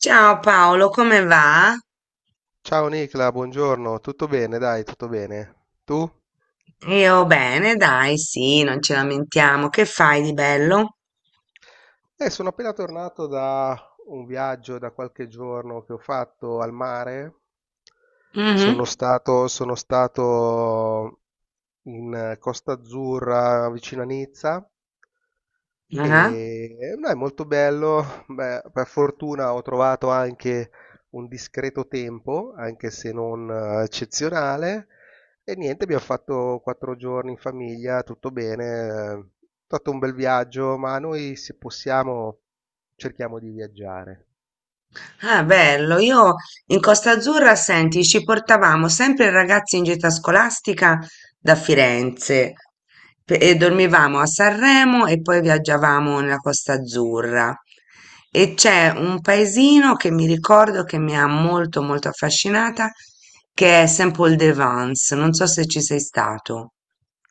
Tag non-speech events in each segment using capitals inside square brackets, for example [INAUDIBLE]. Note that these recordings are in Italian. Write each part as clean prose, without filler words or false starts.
Ciao Paolo, come va? Ciao Nicla, buongiorno, tutto bene? Dai, tutto bene. Tu? Io bene, dai, sì, non ci lamentiamo. Che fai di bello? Sono appena tornato da un viaggio da qualche giorno che ho fatto al mare. Sono Mhm. stato, sono stato in Costa Azzurra, vicino a Nizza. Ah, E no, è molto bello. Beh, per fortuna ho trovato anche un discreto tempo, anche se non eccezionale. E niente, abbiamo fatto 4 giorni in famiglia, tutto bene. È stato un bel viaggio, ma noi se possiamo cerchiamo di viaggiare. ah, bello. Io in Costa Azzurra, senti, ci portavamo sempre i ragazzi in gita scolastica da Firenze e dormivamo a Sanremo e poi viaggiavamo nella Costa Azzurra. E c'è un paesino che mi ricordo che mi ha molto molto affascinata, che è Saint-Paul-de-Vence. Non so se ci sei stato.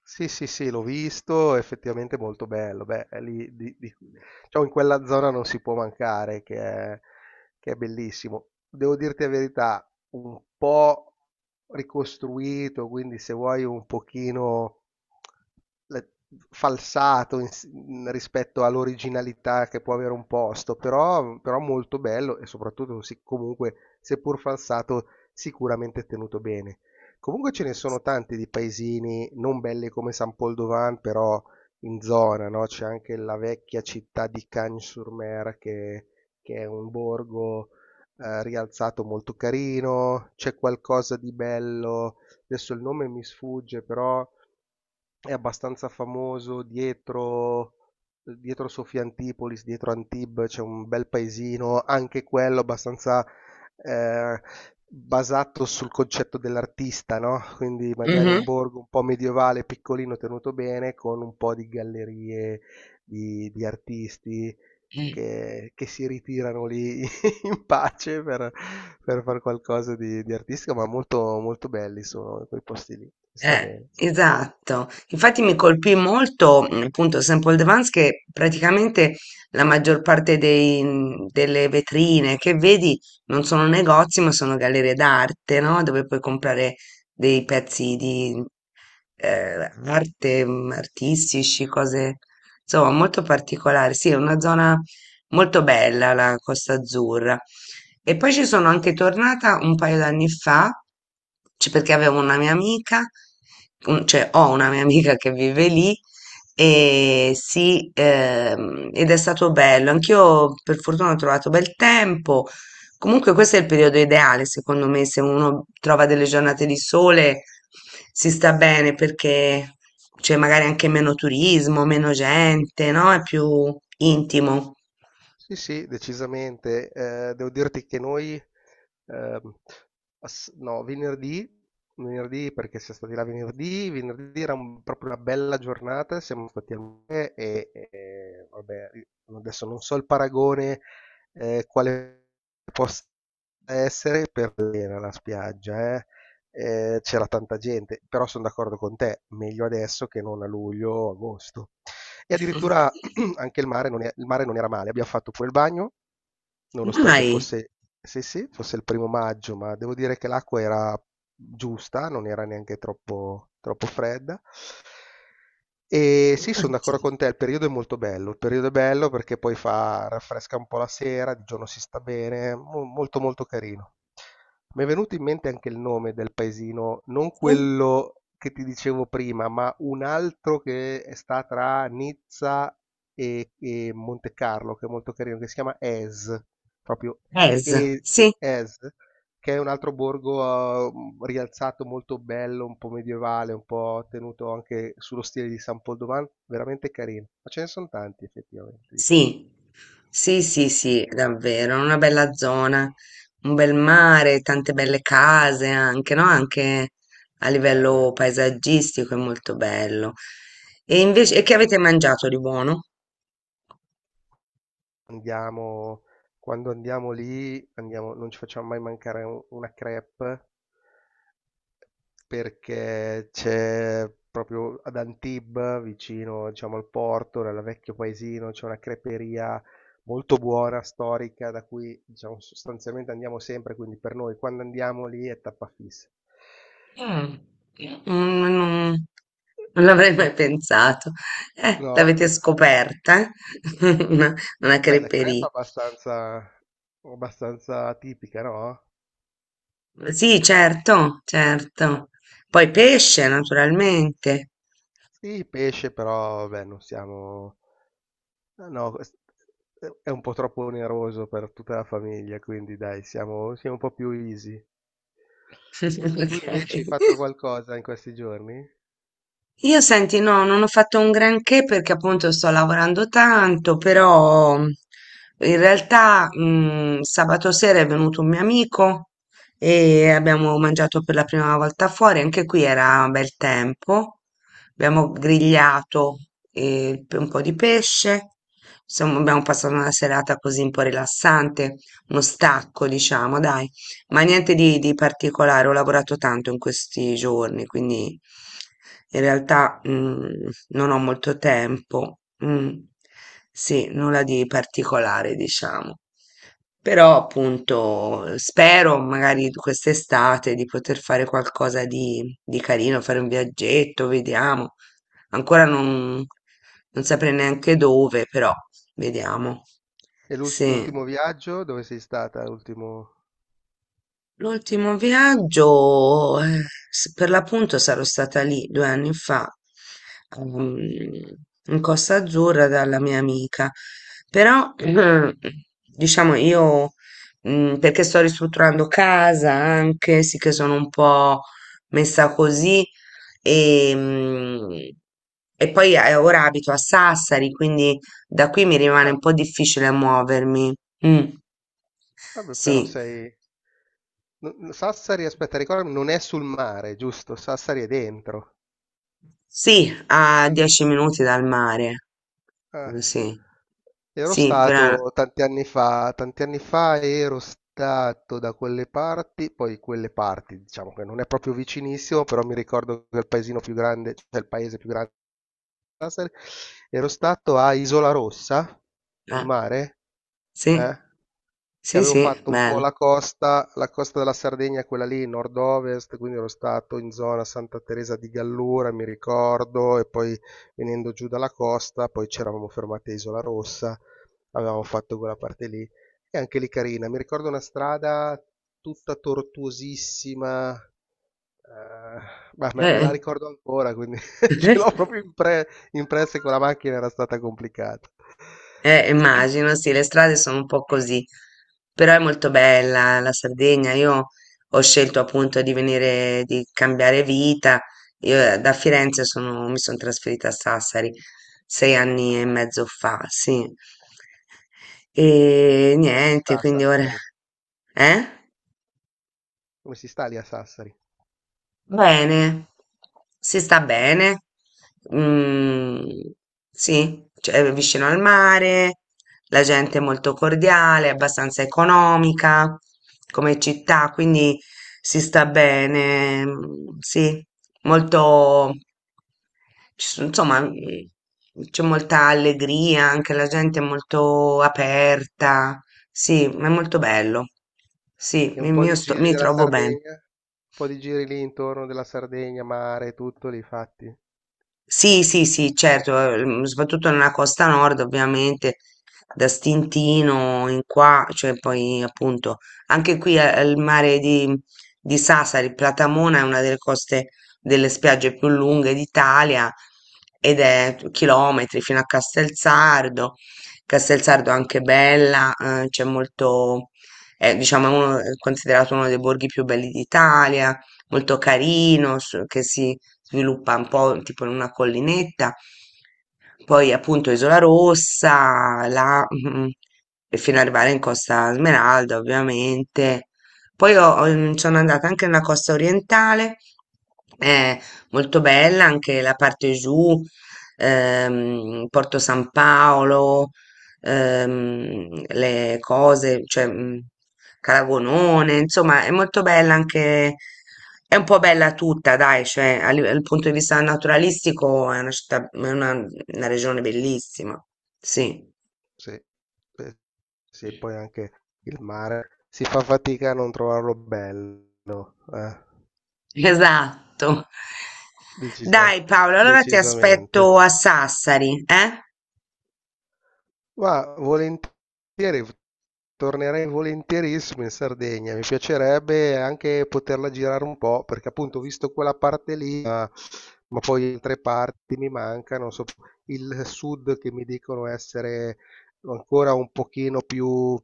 Sì, sì, sì, l'ho visto, effettivamente è molto bello. Beh, è lì, diciamo, in quella zona non si può mancare, che è bellissimo. Devo dirti la verità, un po' ricostruito, quindi se vuoi un pochino le- falsato rispetto all'originalità che può avere un posto, però molto bello e soprattutto, sì, comunque, seppur falsato, sicuramente tenuto bene. Comunque ce ne sono tanti di paesini non belli come San Pol d'Ovan, però in zona, no? C'è anche la vecchia città di Cagnes-sur-Mer che è un borgo rialzato molto carino, c'è qualcosa di bello, adesso il nome mi sfugge, però è abbastanza famoso dietro, dietro Sofia Antipolis, dietro Antibes, c'è un bel paesino, anche quello abbastanza eh, basato sul concetto dell'artista, no? Quindi magari un Mhm. borgo un po' medievale, piccolino, tenuto bene, con un po' di gallerie di artisti che si ritirano lì [LAUGHS] in pace per fare qualcosa di artistico, ma molto, molto belli sono quei posti lì, sta bene. Esatto, infatti mi colpì molto appunto Sample Devance, che praticamente la maggior parte delle vetrine che vedi non sono negozi ma sono gallerie d'arte, no? Dove puoi comprare dei pezzi di arte, artistici, cose insomma molto particolari. Sì, è una zona molto bella, la Costa Azzurra. E poi ci sono anche tornata un paio d'anni fa, perché avevo una mia amica, cioè ho una mia amica che vive lì e sì, ed è stato bello. Anch'io per fortuna ho trovato bel tempo. Comunque questo è il periodo ideale, secondo me, se uno trova delle giornate di sole si sta bene, perché c'è magari anche meno turismo, meno gente, no? È più intimo. Sì, sì, decisamente. Devo dirti che noi, ehm, ass no, venerdì perché siam stati là venerdì, venerdì era un proprio una bella giornata, siamo stati al mare e vabbè, i adesso non so il paragone, quale possa essere per l'era la spiaggia, eh. C'era tanta gente, però son d'accordo con te, meglio adesso che non a luglio o agosto. E addirittura [CLEARS THROAT] anche il mare, non è, il mare non era male, abbiamo fatto pure il bagno, nonostante Mai, fosse sì, sì, fosse il primo maggio, ma devo dire che l'acqua era giusta, non era neanche troppo fredda. E sì, sono d'accordo infatti, con te, il periodo è molto bello, il periodo è bello perché poi fa, raffresca un po' la sera, di giorno si sta bene, molto molto carino. Mi è venuto in mente anche il nome del paesino, non sì, quello che ti dicevo prima, ma un altro che sta tra Nizza e Monte Carlo, che è molto carino, che si chiama Es. Proprio Es, sì, Es, che è un altro borgo, rialzato molto bello, un po' medievale, un po' tenuto anche sullo stile di San Poldovan, veramente carino. Ma ce ne son tanti effettivamente di posti. sì, sì, sì, sì, davvero, una bella zona, un bel mare, tante belle case anche, no? Anche a Eh beh, livello paesaggistico è molto bello. E invece, e che avete mangiato di buono? andiamo quando andiamo lì andiamo non ci facciamo mai mancare u una crêpe perché c'è proprio ad Antibes, vicino, diciamo, al porto, nel vecchio paesino, c'è una creperia molto buona, storica, da cui, diciamo, sostanzialmente andiamo sempre, quindi per noi quando andiamo lì è tappa fissa. Mm, mm, non l'avrei mai Non. pensato. No? L'avete scoperta, [LAUGHS] eh? Una Beh, la crepa è creperie. Abbastanza tipica, no? Sì, certo, certo. Poi pesce, naturalmente. Sì, pesce, però, beh, non siamo... No, no, quest- è un po' troppo oneroso per tutta la famiglia, quindi dai, siamo un po' più easy. [LAUGHS] Tu invece hai Ok. fatto qualcosa in questi giorni? Io senti, no, non ho fatto un granché perché appunto sto lavorando tanto, però in realtà sabato sera è venuto un mio amico e abbiamo mangiato per la prima volta fuori, anche qui era bel tempo, abbiamo grigliato un po' di pesce, insomma abbiamo passato una serata così un po' rilassante, uno stacco diciamo, dai. Ma niente di particolare, ho lavorato tanto in questi giorni, quindi in realtà non ho molto tempo. Mm, sì, nulla di particolare, diciamo. Però appunto spero magari quest'estate di poter fare qualcosa di carino, fare un viaggetto, vediamo. Ancora non saprei neanche dove, però vediamo. E Sì. l'ultimo viaggio? Dove sei stata? L'ultimo... L'ultimo viaggio, per l'appunto sarò stata lì 2 anni fa, ehm, in Costa Azzurra dalla mia amica, però [CLEARS THROAT] diciamo io, perché sto ristrutturando casa anche, sì che sono un po' messa così e, mm, e poi ora abito a Sassari, quindi da qui mi rimane Ah, un po' difficile muovermi. Mm. vabbè, però Sì, sei... no- Sassari, aspetta, ricordami, non è sul mare, giusto? Sassari è dentro. sì, a 10 minuti dal mare. Ah, Sì, ero sì, però. stato tanti anni fa ero stato da quelle parti, poi quelle parti, diciamo che non è proprio vicinissimo, però mi ricordo che il paesino più grande, cioè il paese più grande, ero stato a Isola Rossa, sul Eh, mare. sì, Eh, che sì, avevo sì, fatto un po' bello. La costa della Sardegna, quella lì, nord-ovest, quindi ero stato in zona Santa Teresa di Gallura, mi ricordo, e poi venendo giù dalla costa, poi c'eravamo fermati a Isola Rossa, avevamo fatto quella parte lì, e anche lì carina, mi ricordo una strada tutta tortuosissima, ma me la Eh, ricordo ancora, quindi [LAUGHS] ce l'ho proprio [LAUGHS] impressa che quella macchina era stata complicata. [CLEARS THROAT] Immagino, sì, le strade sono un po' così, però è molto bella la Sardegna. Io ho scelto appunto di venire, di cambiare vita. Io da Firenze sono, mi sono trasferita a Sassari 6 anni e mezzo fa, sì. E Come si niente, sta a quindi ora. Sassari? Eh? Come si sta lì a Sassari? Bene, si sta bene, mm, sì, cioè, è vicino al mare, la gente è molto cordiale, abbastanza economica come città, Mm. quindi si sta bene, mm, sì, molto, insomma, c'è molta allegria, anche la gente è molto aperta, sì, ma è molto Okay. bello, sì, E un mi, po' mi di giri mi della trovo bene. Sardegna? Un po' di giri lì intorno della Sardegna, mare, tutto li fatti? Sì, sì, sì, certo, soprattutto nella costa nord, ovviamente, da Stintino in qua, cioè poi appunto anche qui il mare di Sassari, Platamona è una delle coste delle spiagge più lunghe d'Italia, ed è chilometri fino a Castelsardo. Castelsardo è anche bella, c'è molto, è, diciamo, è considerato uno dei borghi più belli d'Italia, molto carino, che si sviluppa un po' tipo in una collinetta, poi appunto Isola Rossa, là, mhm, e fino ad arrivare in Costa Smeralda, ovviamente. Poi sono andata anche nella costa orientale, è molto bella anche la parte giù, Porto San Paolo, le cose, cioè Caragonone, insomma, è molto bella anche, è un po' bella tutta, dai, cioè dal punto di vista naturalistico è una città, è una regione bellissima, sì, Sì. Sì, poi anche il mare. Si fa fatica a non trovarlo bello, [LAUGHS] esatto. decisa Dai Paolo, allora ti decisamente. aspetto a Sassari, eh? Ma volentieri, tornerei volentierissimo in Sardegna, mi piacerebbe anche poterla girare un po', perché appunto ho visto quella parte lì, ma poi altre parti mi mancano, so- il sud che mi dicono essere ancora un pochino più,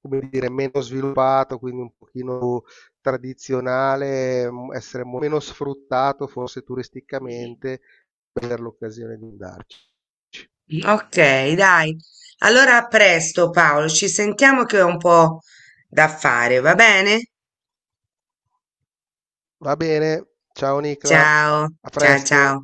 come dire, meno sviluppato, quindi un pochino più tradizionale, essere meno sfruttato forse turisticamente, per l'occasione di andarci. Ok, dai. Allora a presto Paolo, ci sentiamo che ho un po' da fare, va bene? Va bene, ciao Nicla, Ciao, a ciao, ciao. presto.